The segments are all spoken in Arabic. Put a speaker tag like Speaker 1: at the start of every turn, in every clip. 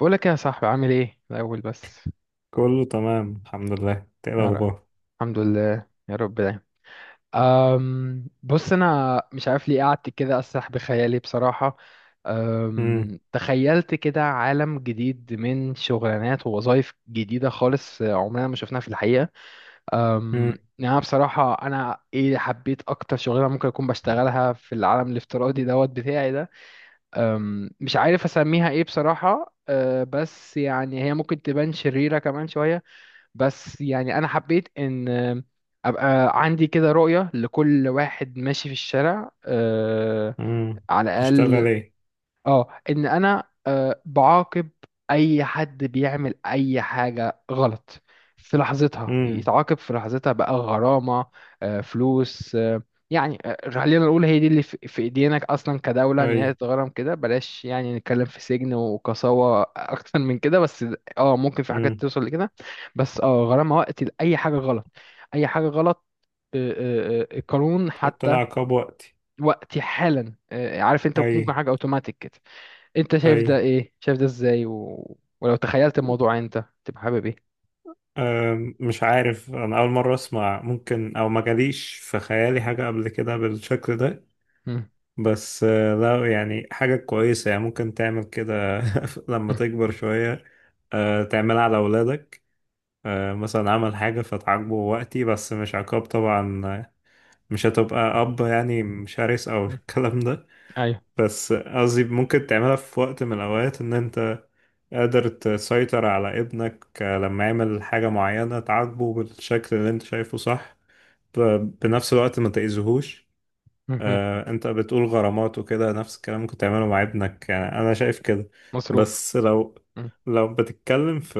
Speaker 1: بقولك يا صاحبي، عامل ايه الأول بس؟
Speaker 2: كله تمام، الحمد لله. إنت ايه
Speaker 1: يا رب.
Speaker 2: الاخبار؟
Speaker 1: الحمد لله يا رب دايما. بص، أنا مش عارف ليه قعدت كده أسرح بخيالي بصراحة.
Speaker 2: امم.
Speaker 1: تخيلت كده عالم جديد من شغلانات ووظائف جديدة خالص، عمرنا ما شفناها في الحقيقة.
Speaker 2: امم.
Speaker 1: يعني أنا بصراحة حبيت أكتر شغلانة ممكن أكون بشتغلها في العالم الافتراضي دوت بتاعي ده. مش عارف أسميها ايه بصراحة. بس يعني هي ممكن تبان شريرة كمان شوية. بس يعني انا حبيت ان ابقى عندي كده رؤية لكل واحد ماشي في الشارع،
Speaker 2: امم.
Speaker 1: على الاقل.
Speaker 2: بتشتغل ايه؟
Speaker 1: اه ان انا بعاقب اي حد بيعمل اي حاجة غلط في لحظتها،
Speaker 2: امم.
Speaker 1: يتعاقب في لحظتها بقى غرامة، فلوس. يعني، خلينا نقول هي دي اللي في ايدينك اصلا كدولة، ان
Speaker 2: اي.
Speaker 1: هي تتغرم كده، بلاش يعني نتكلم في سجن وقساوة اكتر من كده بس. اه، ممكن في حاجات
Speaker 2: امم.
Speaker 1: توصل لكده. بس غرامة وقت لأي حاجة غلط، اي حاجة غلط، القانون
Speaker 2: تحط
Speaker 1: حتى.
Speaker 2: العقاب وقتي؟
Speaker 1: وقتي حالا، عارف، انت
Speaker 2: اي،
Speaker 1: ممكن حاجة اوتوماتيك كده. انت شايف
Speaker 2: اي.
Speaker 1: ده ايه؟ شايف ده ازاي؟ و... ولو تخيلت الموضوع انت تبقى حابب ايه؟
Speaker 2: مش عارف، انا اول مره اسمع. ممكن او ما جاليش في خيالي حاجه قبل كده بالشكل ده.
Speaker 1: مم.
Speaker 2: بس لا، يعني حاجه كويسه، يعني ممكن تعمل كده. لما
Speaker 1: مم.
Speaker 2: تكبر شويه، تعملها على اولادك. مثلا عمل حاجه فتعاقبه وقتي، بس مش عقاب طبعا. مش هتبقى اب يعني، مش هرس او
Speaker 1: مم.
Speaker 2: الكلام ده.
Speaker 1: ايوه.
Speaker 2: بس قصدي ممكن تعملها في وقت من الاوقات، ان انت قادر تسيطر على ابنك لما يعمل حاجة معينة تعاقبه بالشكل اللي انت شايفه، صح. بنفس الوقت ما تأذيهوش.
Speaker 1: مهم.
Speaker 2: انت بتقول غرامات وكده، نفس الكلام ممكن تعمله مع ابنك، يعني انا شايف كده.
Speaker 1: مصروف.
Speaker 2: بس لو
Speaker 1: مم.
Speaker 2: لو بتتكلم في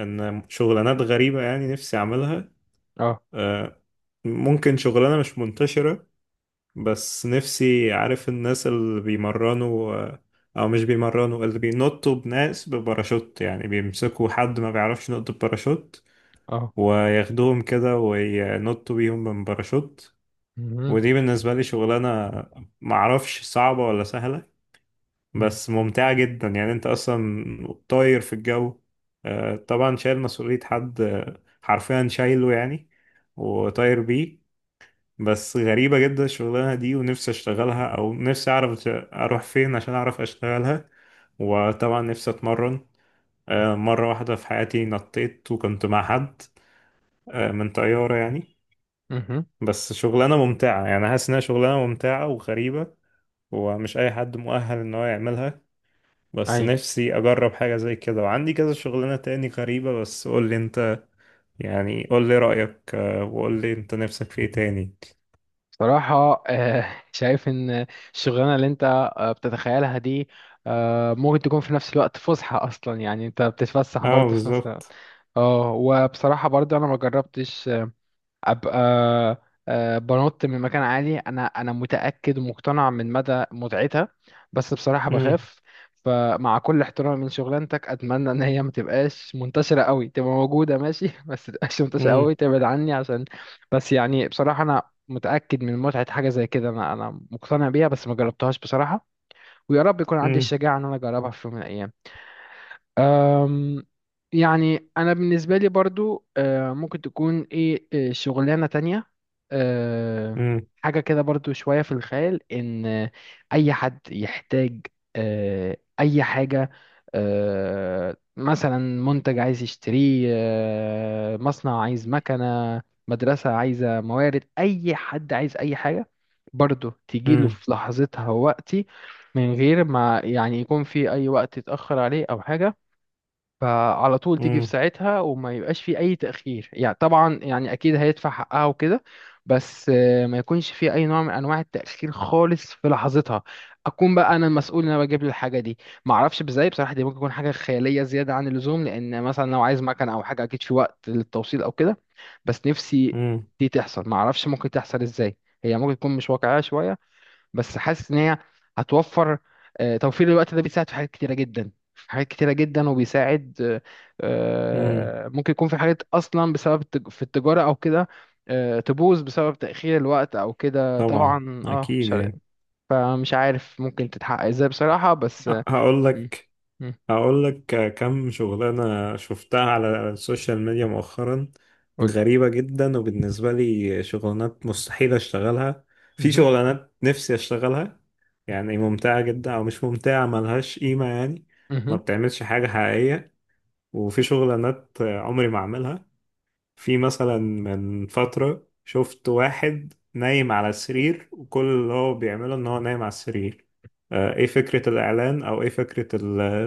Speaker 2: ان شغلانات غريبة يعني نفسي اعملها.
Speaker 1: اه،
Speaker 2: آه، ممكن شغلانة مش منتشرة. بس نفسي عارف الناس اللي بيمرنوا، او مش بيمرنوا، اللي بينطوا بناس بباراشوت، يعني بيمسكوا حد ما بيعرفش ينط بباراشوت
Speaker 1: اه.
Speaker 2: وياخدوهم كده وينطوا بيهم من باراشوت.
Speaker 1: مهم.
Speaker 2: ودي بالنسبة لي شغلانة معرفش صعبة ولا سهلة،
Speaker 1: مم.
Speaker 2: بس ممتعة جدا، يعني انت اصلا طاير في الجو. طبعا شايل مسؤولية حد، حرفيا شايله يعني، وطاير بيه. بس غريبة جدا الشغلانة دي، ونفسي اشتغلها او نفسي اعرف اروح فين عشان اعرف اشتغلها. وطبعا نفسي اتمرن. مرة واحدة في حياتي نطيت وكنت مع حد، من طيارة يعني.
Speaker 1: مهم.
Speaker 2: بس شغلانة ممتعة، يعني حاسس انها شغلانة ممتعة وغريبة، ومش اي حد مؤهل ان هو يعملها. بس
Speaker 1: ايوه.
Speaker 2: نفسي اجرب حاجة زي كده، وعندي كذا شغلانة تاني غريبة، بس قول لي انت. يعني قول لي رأيك، وقول لي انت نفسك في ايه تاني؟
Speaker 1: صراحة، شايف ان الشغلانة اللي انت بتتخيلها دي ممكن تكون في نفس الوقت فسحة اصلا، يعني انت بتتفسح
Speaker 2: اه،
Speaker 1: برضه في نفس الوقت.
Speaker 2: بالظبط.
Speaker 1: اه، وبصراحة برضه انا ما جربتش ابقى بنط من مكان عالي. انا متاكد ومقتنع من مدى متعتها، بس بصراحه
Speaker 2: مم،
Speaker 1: بخاف. فمع كل احترامي من شغلانتك، اتمنى ان هي ما تبقاش منتشره قوي. تبقى موجوده ماشي بس ما تبقاش منتشره
Speaker 2: مم،
Speaker 1: قوي، تبعد عني عشان. بس يعني بصراحه انا متاكد من متعه حاجه زي كده. انا مقتنع بيها بس ما جربتهاش بصراحه. ويا رب يكون عندي
Speaker 2: مم.
Speaker 1: الشجاعه ان انا اجربها في يوم من الايام. أم، يعني انا بالنسبه لي برضو، ممكن تكون ايه، شغلانه تانية آه،
Speaker 2: مم.
Speaker 1: حاجه كده برضو شويه في الخيال: ان اي حد يحتاج اي حاجه، مثلا منتج عايز يشتريه، مصنع عايز مكنه، مدرسه عايزه موارد، اي حد عايز اي حاجه، برضو تجيله
Speaker 2: مم.
Speaker 1: في لحظتها ووقتي، من غير ما يعني يكون في اي وقت يتاخر عليه او حاجه. فعلى طول تيجي في
Speaker 2: مم.
Speaker 1: ساعتها، وما يبقاش في اي تأخير يعني. طبعا يعني اكيد هيدفع حقها وكده، بس ما يكونش في اي نوع من انواع التأخير خالص، في لحظتها اكون بقى انا المسؤول ان انا بجيب له الحاجه دي. ما اعرفش ازاي بصراحه، دي ممكن تكون حاجه خياليه زياده عن اللزوم، لان مثلا لو عايز مكنه او حاجه اكيد في وقت للتوصيل او كده. بس نفسي
Speaker 2: مم.
Speaker 1: دي تحصل، ما اعرفش ممكن تحصل ازاي. هي ممكن تكون مش واقعيه شويه، بس حاسس ان هي هتوفر. توفير الوقت ده بيساعد في حاجات كتيره جدا، في حاجات كتيره جدا، وبيساعد.
Speaker 2: مم.
Speaker 1: ممكن يكون في حاجات اصلا بسبب في التجاره او كده، تبوظ بسبب تاخير الوقت او كده
Speaker 2: طبعا،
Speaker 1: طبعا. اه
Speaker 2: اكيد
Speaker 1: مش عارف-.
Speaker 2: يعني.
Speaker 1: فمش عارف ممكن تتحقق ازاي بصراحه بس
Speaker 2: أ-
Speaker 1: آه،
Speaker 2: هقول
Speaker 1: م-
Speaker 2: لك
Speaker 1: م-
Speaker 2: هقول لك كم شغلانه شفتها على السوشيال ميديا مؤخرا.
Speaker 1: قولي.
Speaker 2: غريبه جدا، وبالنسبه لي شغلانات مستحيل اشتغلها، في
Speaker 1: مهم.
Speaker 2: شغلانات نفسي اشتغلها. يعني ممتعه جدا، او مش ممتعه ملهاش قيمه يعني، ما
Speaker 1: مهم.
Speaker 2: بتعملش حاجه حقيقيه. وفي شغلانات عمري ما اعملها. في مثلا من فترة شفت واحد نايم على السرير، وكل اللي هو بيعمله ان هو نايم على السرير. ايه فكرة الاعلان او ايه فكرة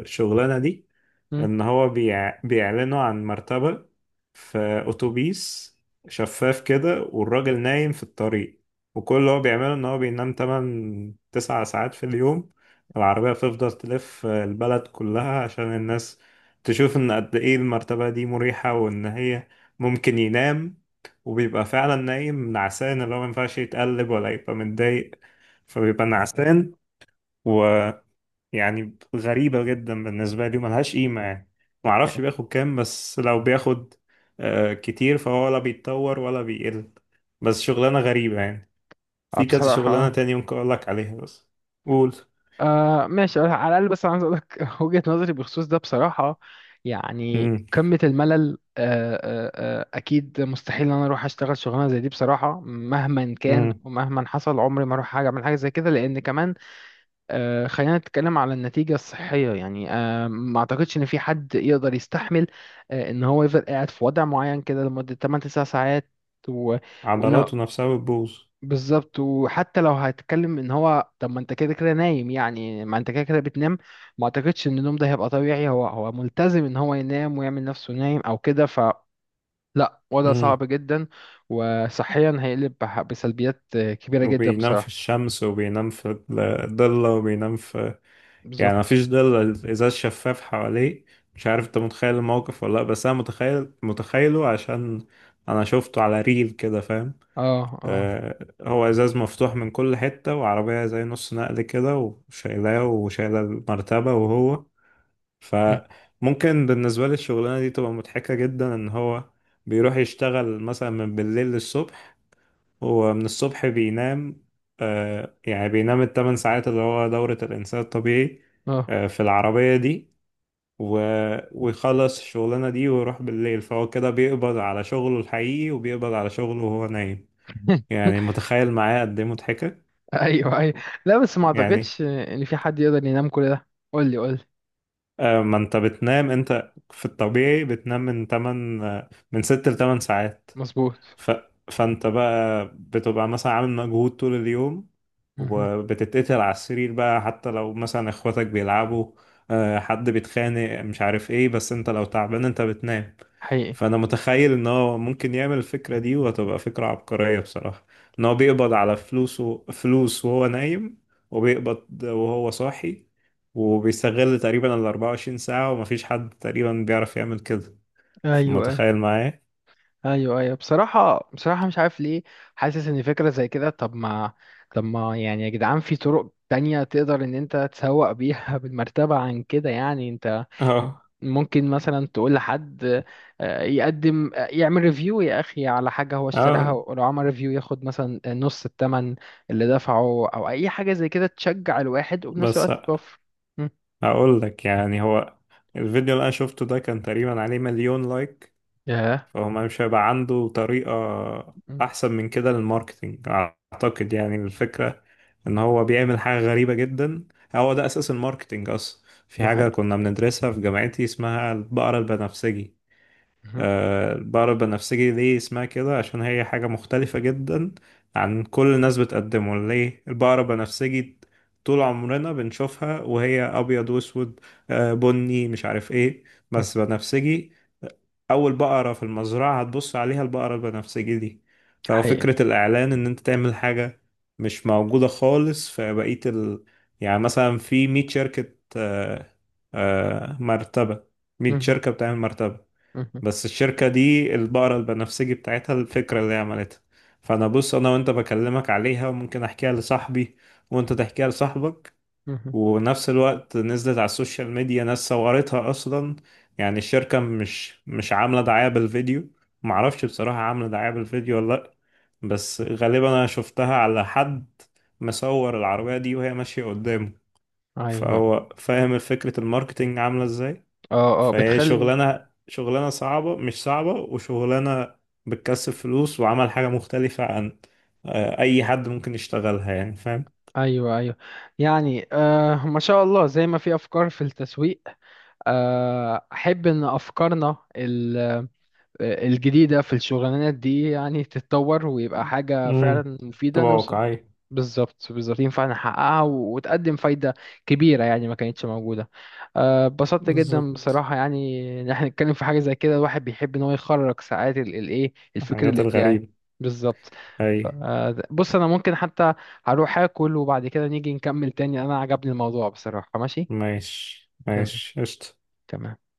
Speaker 2: الشغلانة دي؟
Speaker 1: مهم.
Speaker 2: ان هو بيعلنوا عن مرتبة في أتوبيس شفاف كده، والراجل نايم في الطريق. وكل اللي هو بيعمله إن هو بينام 8 9 ساعات في اليوم. العربية بتفضل تلف البلد كلها عشان الناس تشوف إن قد إيه المرتبة دي مريحة، وإن هي ممكن ينام. وبيبقى فعلا نايم نعسان، اللي هو مينفعش يتقلب ولا يبقى متضايق، فبيبقى نعسان و... يعني غريبة جدا بالنسبة لي وملهاش قيمة يعني. معرفش بياخد كام، بس لو بياخد كتير فهو ولا بيتطور ولا بيقل. بس شغلانة غريبة يعني. في كذا
Speaker 1: بصراحه
Speaker 2: شغلانة
Speaker 1: آه.
Speaker 2: تاني ممكن أقولك عليها، بس قول.
Speaker 1: ماشي، على الاقل بس انا عايز اقول لك وجهة نظري بخصوص ده بصراحة. يعني
Speaker 2: امم.
Speaker 1: قمة الملل. اكيد مستحيل ان انا اروح اشتغل شغلانة زي دي بصراحة، مهما كان
Speaker 2: امم.
Speaker 1: ومهما حصل عمري ما اروح حاجة اعمل حاجة زي كده، لان كمان خلينا نتكلم على النتيجة الصحية يعني. ما اعتقدش ان في حد يقدر يستحمل ان هو يفضل قاعد في وضع معين كده لمدة 8 9 ساعات و... وإن-
Speaker 2: عضلاته نفسها بتبوظ.
Speaker 1: بالظبط. وحتى لو هتتكلم ان هو، طب ما انت كده كده نايم يعني، ما انت كده كده بتنام. ما اعتقدش ان النوم ده هيبقى طبيعي، هو ملتزم ان هو ينام ويعمل نفسه نايم او كده، ف لا، وضع
Speaker 2: امم.
Speaker 1: صعب جدا. وصحيا هيقلب بسلبيات كبيرة جدا
Speaker 2: وبينام في
Speaker 1: بصراحة.
Speaker 2: الشمس وبينام في الضلة وبينام في... يعني
Speaker 1: بالظبط.
Speaker 2: مفيش ضلة، الإزاز شفاف حواليه. مش عارف انت متخيل الموقف ولا لأ، بس أنا متخيل، متخيله عشان أنا شفته على ريل كده، فاهم؟
Speaker 1: اه، اه.
Speaker 2: هو ازاز مفتوح من كل حتة، وعربية زي نص نقل كده وشايلاه، وشايلة المرتبة، وهو...
Speaker 1: م،
Speaker 2: فممكن بالنسبة لي الشغلانة دي تبقى مضحكة جدا، ان هو بيروح يشتغل مثلا من بالليل للصبح، ومن الصبح بينام. يعني بينام ال 8 ساعات اللي هو دورة الإنسان الطبيعي،
Speaker 1: اه.
Speaker 2: في العربية دي، و- ويخلص الشغلانة دي ويروح بالليل. فهو كده بيقبض على شغله الحقيقي وبيقبض على شغله وهو نايم. يعني متخيل معايا قد ايه مضحكة؟
Speaker 1: ايوه، ايوه. لا، بس ما
Speaker 2: يعني
Speaker 1: اعتقدش ان في حد يقدر ينام كل ده. قول لي، قول لي.
Speaker 2: ما انت بتنام، انت في الطبيعي بتنام من 8، من 6 ل 8 ساعات.
Speaker 1: مظبوط.
Speaker 2: ف... فانت بقى بتبقى مثلا عامل مجهود طول اليوم
Speaker 1: مهم.
Speaker 2: وبتتقتل على السرير بقى، حتى لو مثلا اخواتك بيلعبوا، حد بيتخانق مش عارف ايه، بس انت لو تعبان انت بتنام.
Speaker 1: حقيقي.
Speaker 2: فانا متخيل ان هو ممكن يعمل الفكره دي، وهتبقى فكره عبقريه بصراحه، ان هو بيقبض على فلوسه، فلوس وهو نايم وبيقبض وهو صاحي، وبيستغل تقريبا ال 24 ساعه، ومفيش حد تقريبا بيعرف يعمل كده.
Speaker 1: ايوه،
Speaker 2: متخيل معايا؟
Speaker 1: ايوه، ايوه. بصراحه مش عارف ليه، حاسس ان فكره زي كده. طب ما يعني يا جدعان، في طرق تانية تقدر ان انت تسوق بيها بالمرتبه عن كده. يعني انت
Speaker 2: اه،
Speaker 1: ممكن مثلا تقول لحد يقدم، يعمل ريفيو يا اخي على حاجه هو اشتراها،
Speaker 2: اه.
Speaker 1: ولو عمل ريفيو ياخد مثلا نص الثمن اللي دفعه، او اي حاجه زي كده تشجع الواحد وبنفس
Speaker 2: بس
Speaker 1: الوقت توفر. مم.
Speaker 2: هقول لك يعني، هو الفيديو اللي انا شفته ده كان تقريبا عليه مليون لايك،
Speaker 1: ياه.
Speaker 2: فهو مش هيبقى عنده طريقه
Speaker 1: مم.
Speaker 2: احسن من كده للماركتينج اعتقد. يعني الفكره ان هو بيعمل حاجة غريبة جدا، هو ده اساس الماركتينج اصلا. في
Speaker 1: ده
Speaker 2: حاجة
Speaker 1: حقيقي.
Speaker 2: كنا بندرسها في جامعتي اسمها البقرة البنفسجي.
Speaker 1: مهم.
Speaker 2: البقرة البنفسجي ليه اسمها كده؟ عشان هي حاجة مختلفة جدا عن كل الناس بتقدمه. ليه البقرة البنفسجي؟ طول عمرنا بنشوفها وهي ابيض واسود، بني مش عارف ايه،
Speaker 1: مم.
Speaker 2: بس بنفسجي. اول بقرة في المزرعة هتبص عليها البقرة البنفسجي دي.
Speaker 1: حقيقي.
Speaker 2: ففكرة الاعلان ان انت تعمل حاجة مش موجودة خالص في بقية يعني مثلا في 100 شركة مرتبة، 100
Speaker 1: مهم.
Speaker 2: شركة بتعمل مرتبة،
Speaker 1: مهم.
Speaker 2: بس الشركة دي البقرة البنفسجي بتاعتها، الفكرة اللي هي عملتها. فانا بص، انا وانت بكلمك عليها، وممكن احكيها لصاحبي، وانت تحكيها لصاحبك.
Speaker 1: مهم.
Speaker 2: ونفس الوقت نزلت على السوشيال ميديا، ناس صورتها اصلا. يعني الشركة مش عاملة دعاية بالفيديو، معرفش بصراحة عاملة دعاية بالفيديو ولا لا، بس غالبا انا شفتها على حد مصور العربية دي وهي ماشية قدامه.
Speaker 1: ايوه.
Speaker 2: فهو فاهم فكرة الماركتينج عاملة ازاي.
Speaker 1: اه، اه.
Speaker 2: فهي
Speaker 1: بتخلي.
Speaker 2: شغلانة، شغلانة صعبة مش صعبة، وشغلانة بتكسب فلوس وعمل حاجة مختلفة عن أي حد ممكن يشتغلها، يعني فاهم؟
Speaker 1: ايوه، ايوه. يعني ما شاء الله، زي ما في افكار في التسويق، احب ان افكارنا الجديدة في الشغلانات دي يعني تتطور، ويبقى حاجة
Speaker 2: امم.
Speaker 1: فعلا مفيدة
Speaker 2: تبقى
Speaker 1: نوصل.
Speaker 2: واقعية.
Speaker 1: بالظبط، بالظبط، ينفع نحققها و- وتقدم فايدة كبيرة يعني، ما كانتش موجودة. اتبسطت جدا
Speaker 2: بالظبط،
Speaker 1: بصراحة، يعني إن احنا نتكلم في حاجة زي كده الواحد بيحب إن هو يخرج ساعات ال- الإيه الفكر
Speaker 2: حاجات
Speaker 1: الإبداعي.
Speaker 2: الغريبة.
Speaker 1: بالظبط.
Speaker 2: أي.
Speaker 1: بص أنا ممكن حتى هروح آكل وبعد كده نيجي نكمل تاني. أنا عجبني الموضوع بصراحة، ماشي.
Speaker 2: ماشي،
Speaker 1: تمام.
Speaker 2: ماشي، قشطة.
Speaker 1: تمام.